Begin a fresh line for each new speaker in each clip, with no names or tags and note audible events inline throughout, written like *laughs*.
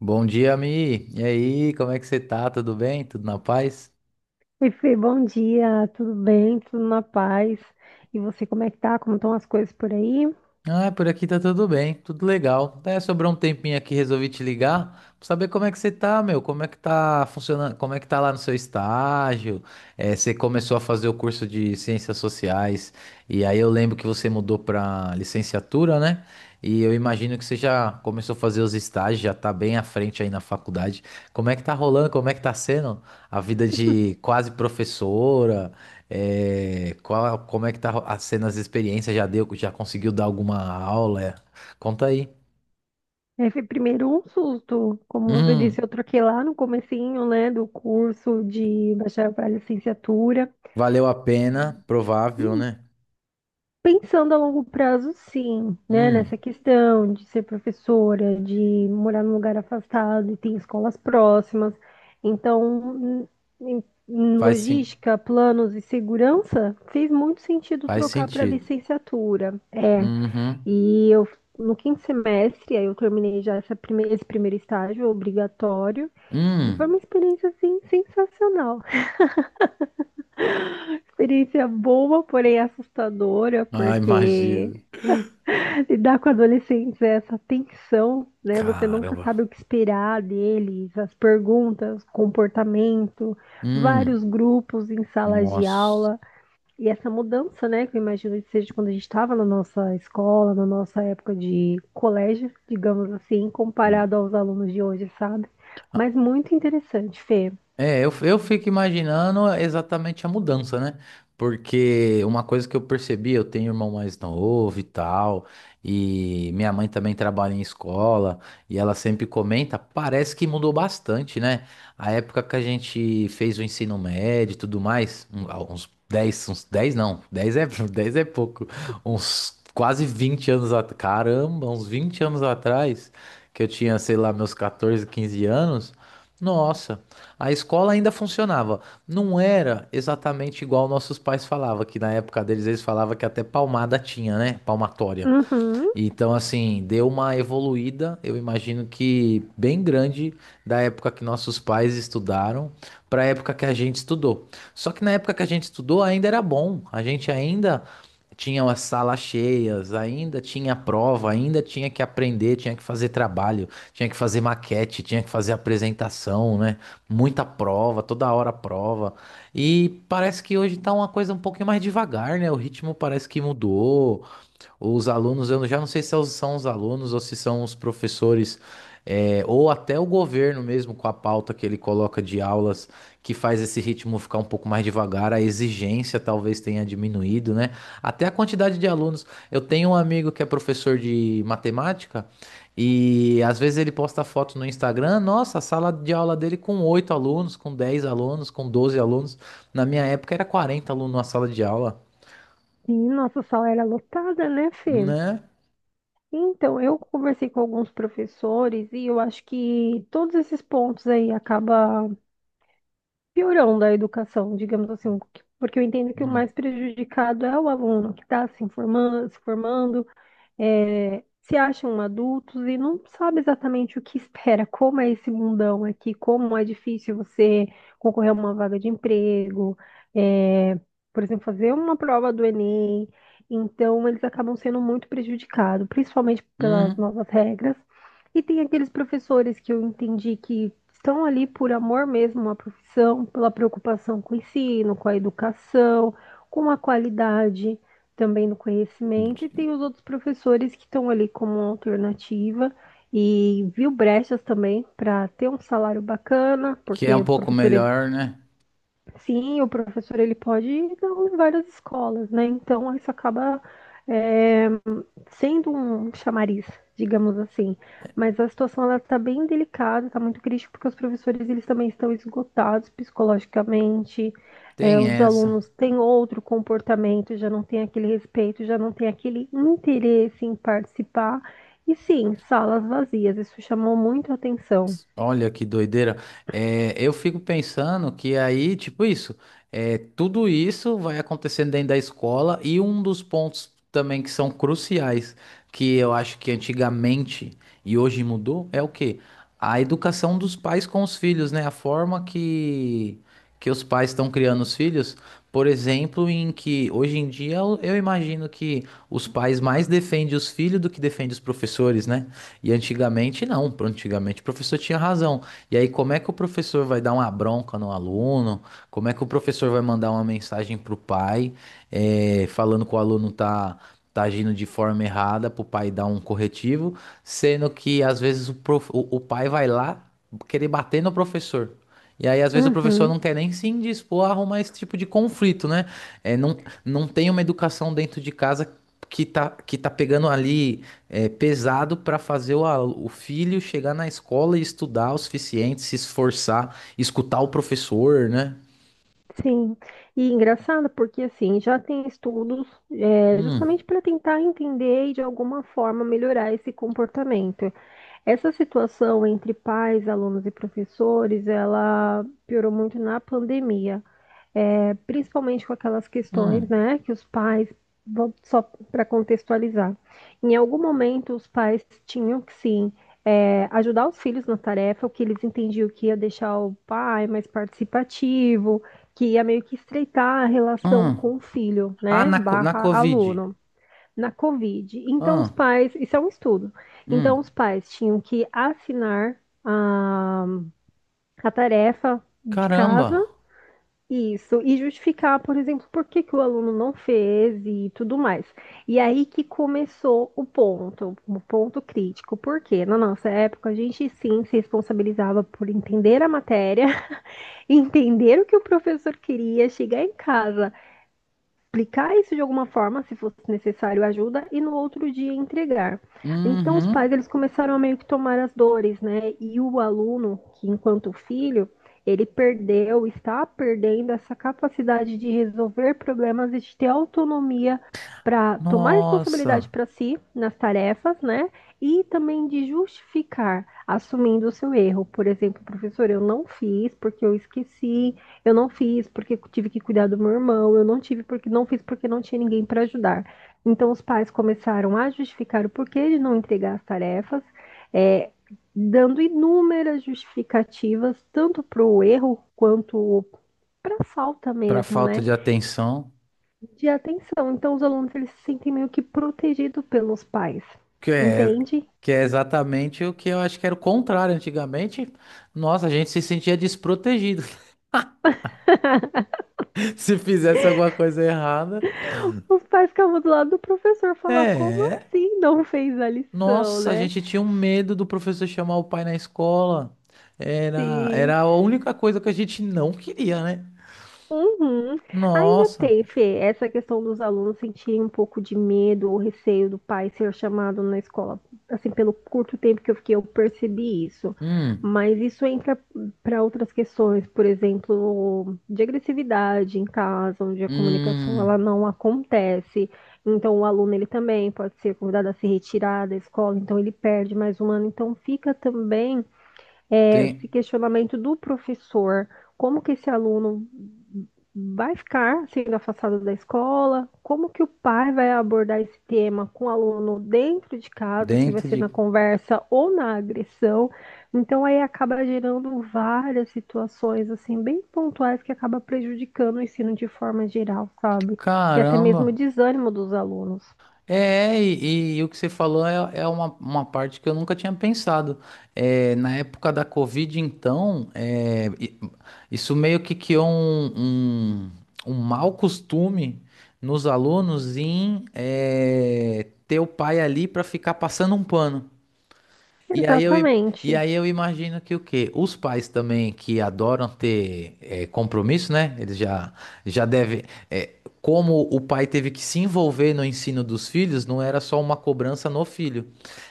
Bom dia, Mi. E aí, como é que você tá? Tudo bem? Tudo na paz?
Oi, Fê, bom dia, tudo bem? Tudo na paz? E você, como é que tá? Como estão as coisas por aí?
Ah, por aqui tá tudo bem, tudo legal. É, sobrou um tempinho aqui, resolvi te ligar pra saber como é que você tá, meu. Como é que tá funcionando? Como é que tá lá no seu estágio? Você começou a fazer o curso de Ciências Sociais, e aí eu lembro que você mudou pra licenciatura, né? E eu imagino que você já começou a fazer os estágios, já tá bem à frente aí na faculdade. Como é que tá rolando? Como é que tá sendo a vida de quase professora? É, qual, como é que tá sendo as experiências? Já deu, já conseguiu dar alguma aula? É. Conta aí.
É, Fê, primeiro um susto, como você disse,
Hum,
eu troquei lá no comecinho, né, do curso de bacharel para licenciatura.
valeu a pena, provável, né?
Pensando a longo prazo, sim, né? Nessa
Hum,
questão de ser professora, de morar num lugar afastado e ter escolas próximas. Então, em, em- em
faz, sen-
logística, planos e segurança, fez muito sentido
faz
trocar para
sentido.
licenciatura.
Uhum.
E eu no quinto semestre, aí eu terminei já esse primeiro estágio obrigatório, e foi
Hum,
uma experiência assim sensacional. Experiência boa, porém assustadora,
ah, imagino.
porque lidar com adolescentes é essa tensão, né? Você nunca
Caramba.
sabe o que esperar deles, as perguntas, comportamento,
Hum,
vários grupos em salas de
nossa.
aula. E essa mudança, né, que eu imagino que seja quando a gente estava na nossa escola, na nossa época de colégio, digamos assim, comparado aos alunos de hoje, sabe? Mas muito interessante, Fê.
É, eu fico imaginando exatamente a mudança, né? Porque uma coisa que eu percebi, eu tenho um irmão mais novo e tal, e minha mãe também trabalha em escola, e ela sempre comenta, parece que mudou bastante, né? A época que a gente fez o ensino médio e tudo mais, ah, uns 10, uns 10 não, 10 é, *laughs* 10 é pouco, uns quase 20 anos atrás, caramba, uns 20 anos atrás, que eu tinha, sei lá, meus 14, 15 anos, nossa. A escola ainda funcionava. Não era exatamente igual nossos pais falavam, que na época deles eles falavam que até palmada tinha, né? Palmatória.
Uhum.
Então, assim, deu uma evoluída, eu imagino que bem grande, da época que nossos pais estudaram para a época que a gente estudou. Só que na época que a gente estudou ainda era bom, a gente ainda tinha as salas cheias, ainda tinha prova, ainda tinha que aprender, tinha que fazer trabalho, tinha que fazer maquete, tinha que fazer apresentação, né? Muita prova, toda hora prova. E parece que hoje tá uma coisa um pouquinho mais devagar, né? O ritmo parece que mudou. Os alunos, eu já não sei se são os alunos ou se são os professores, é, ou até o governo mesmo, com a pauta que ele coloca de aulas, que faz esse ritmo ficar um pouco mais devagar, a exigência talvez tenha diminuído, né? Até a quantidade de alunos. Eu tenho um amigo que é professor de matemática e às vezes ele posta foto no Instagram, nossa, a sala de aula dele com 8 alunos, com 10 alunos, com 12 alunos. Na minha época era 40 alunos na sala de aula,
E nossa sala era lotada, né, Fê?
né?
Então, eu conversei com alguns professores e eu acho que todos esses pontos aí acaba piorando a educação, digamos assim, porque eu entendo que o
Hum.
mais prejudicado é o aluno que está se informando, se formando, se acham adultos e não sabe exatamente o que espera, como é esse mundão aqui, como é difícil você concorrer a uma vaga de emprego, é, por exemplo, fazer uma prova do Enem. Então, eles acabam sendo muito prejudicados, principalmente pelas
Uhum.
novas regras. E tem aqueles professores que eu entendi que estão ali por amor mesmo à profissão, pela preocupação com o ensino, com a educação, com a qualidade também no conhecimento, e
De-
tem os outros professores que estão ali como alternativa e viu brechas também para ter um salário bacana,
que é
porque
um
o
pouco
professor ele...
melhor, né?
Sim, o professor ele pode dar em várias escolas, né? Então isso acaba é, sendo um chamariz, digamos assim. Mas a situação ela está bem delicada, está muito crítica, porque os professores eles também estão esgotados psicologicamente. É,
Tem
os
essa.
alunos têm outro comportamento, já não tem aquele respeito, já não tem aquele interesse em participar. E sim, salas vazias, isso chamou muito a atenção.
Olha que doideira. É, eu fico pensando que aí, tipo isso, é, tudo isso vai acontecendo dentro da escola e um dos pontos também que são cruciais, que eu acho que antigamente e hoje mudou, é o quê? A educação dos pais com os filhos, né? A forma que os pais estão criando os filhos. Por exemplo, em que hoje em dia eu imagino que os pais mais defendem os filhos do que defendem os professores, né? E antigamente não, antigamente o professor tinha razão. E aí, como é que o professor vai dar uma bronca no aluno? Como é que o professor vai mandar uma mensagem pro pai, falando que o aluno tá agindo de forma errada, pro pai dar um corretivo, sendo que às vezes o pai vai lá querer bater no professor. E aí, às vezes, o professor
Uhum.
não quer nem se indispor a arrumar esse tipo de conflito, né? É, não, não tem uma educação dentro de casa que tá pegando ali é pesado para fazer o filho chegar na escola e estudar o suficiente, se esforçar, escutar o professor, né?
Sim, e engraçado porque assim já tem estudos,
Hum,
justamente para tentar entender e de alguma forma melhorar esse comportamento. Essa situação entre pais, alunos e professores, ela piorou muito na pandemia, principalmente com aquelas questões,
hum,
né, que os pais, só para contextualizar, em algum momento os pais tinham que sim ajudar os filhos na tarefa, o que eles entendiam que ia deixar o pai mais participativo, que ia meio que estreitar a relação
hum.
com o filho,
Ah,
né,
na
barra
Covid.
aluno. Na Covid. Então, os
Ah,
pais, isso é um estudo. Então,
hum.
os pais tinham que assinar a tarefa de casa,
Caramba.
isso, e justificar, por exemplo, por que que o aluno não fez e tudo mais. E aí que começou o ponto crítico, porque na nossa época a gente sim se responsabilizava por entender a matéria, *laughs* entender o que o professor queria, chegar em casa, explicar isso de alguma forma, se fosse necessário ajuda, e no outro dia entregar. Então os pais
Uhum.
eles começaram a meio que tomar as dores, né? E o aluno, que enquanto filho, ele perdeu, está perdendo essa capacidade de resolver problemas e de ter autonomia para tomar responsabilidade
Nossa.
para si nas tarefas, né? E também de justificar, assumindo o seu erro. Por exemplo, professor, eu não fiz porque eu esqueci, eu não fiz porque tive que cuidar do meu irmão, eu não tive porque não fiz porque não tinha ninguém para ajudar. Então os pais começaram a justificar o porquê de não entregar as tarefas, é, dando inúmeras justificativas, tanto para o erro quanto para a falta
Para
mesmo,
falta
né?
de atenção,
De atenção. Então os alunos eles se sentem meio que protegidos pelos pais.
que é,
Entende?
que é exatamente o que eu acho que era o contrário antigamente. Nossa, a gente se sentia desprotegido. *laughs* Se fizesse alguma coisa errada,
Os pais ficavam do lado do professor falar como
é.
assim não fez a lição,
Nossa, a
né?
gente tinha um medo do professor chamar o pai na escola. Era,
Se
era a única coisa que a gente não queria, né?
Uhum. Ainda
Nossa.
tem, teve essa questão dos alunos sentirem um pouco de medo ou receio do pai ser chamado na escola. Assim, pelo curto tempo que eu fiquei, eu percebi isso.
Hum,
Mas isso entra para outras questões, por exemplo, de agressividade em casa, onde a comunicação ela
hum,
não acontece. Então, o aluno ele também pode ser convidado a se retirar da escola, então ele perde mais um ano. Então, fica também
tem,
esse questionamento do professor, como que esse aluno vai ficar sendo afastado da escola, como que o pai vai abordar esse tema com o aluno dentro de casa, se vai
dentro
ser na
de...
conversa ou na agressão. Então aí acaba gerando várias situações assim bem pontuais que acaba prejudicando o ensino de forma geral, sabe? E até mesmo o
Caramba.
desânimo dos alunos.
É, e o que você falou é, é uma parte que eu nunca tinha pensado. É, na época da Covid, então, é, isso meio que criou um mau costume nos alunos em é, ter o pai ali para ficar passando um pano. E aí eu, i- e
Exatamente.
aí eu imagino que o quê? Os pais também que adoram ter compromisso, né? Já devem. Eh, como o pai teve que se envolver no ensino dos filhos, não era só uma cobrança no filho.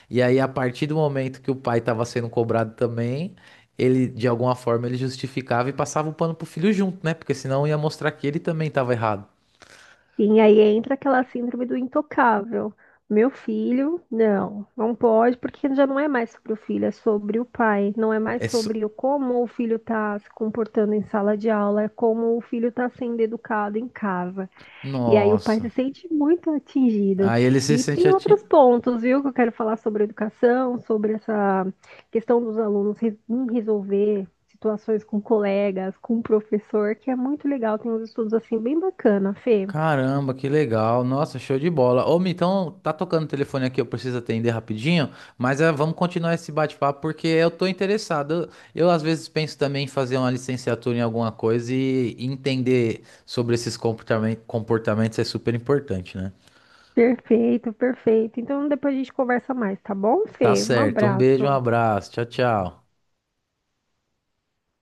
E aí, a partir do momento que o pai estava sendo cobrado também, ele, de alguma forma, ele justificava e passava o pano pro filho junto, né? Porque senão ia mostrar que ele também estava errado.
Sim, aí entra aquela síndrome do intocável. Meu filho, não, não pode, porque já não é mais sobre o filho, é sobre o pai. Não é mais
É só-
sobre o como o filho está se comportando em sala de aula, é como o filho está sendo educado em casa. E aí o pai se
Nossa.
sente muito atingido.
Aí ele se
E
sente
tem outros
atingido.
pontos, viu, que eu quero falar sobre educação, sobre essa questão dos alunos em resolver situações com colegas, com o professor, que é muito legal. Tem uns estudos assim bem bacana, Fê.
Caramba, que legal. Nossa, show de bola. Ô, Mi, então tá tocando o telefone aqui, eu preciso atender rapidinho, mas vamos continuar esse bate-papo porque eu tô interessado. Eu às vezes penso também em fazer uma licenciatura em alguma coisa e entender sobre esses comportamentos é super importante, né?
Perfeito, perfeito. Então depois a gente conversa mais, tá bom,
Tá
Fê? Um
certo. Um beijo, um
abraço.
abraço. Tchau, tchau.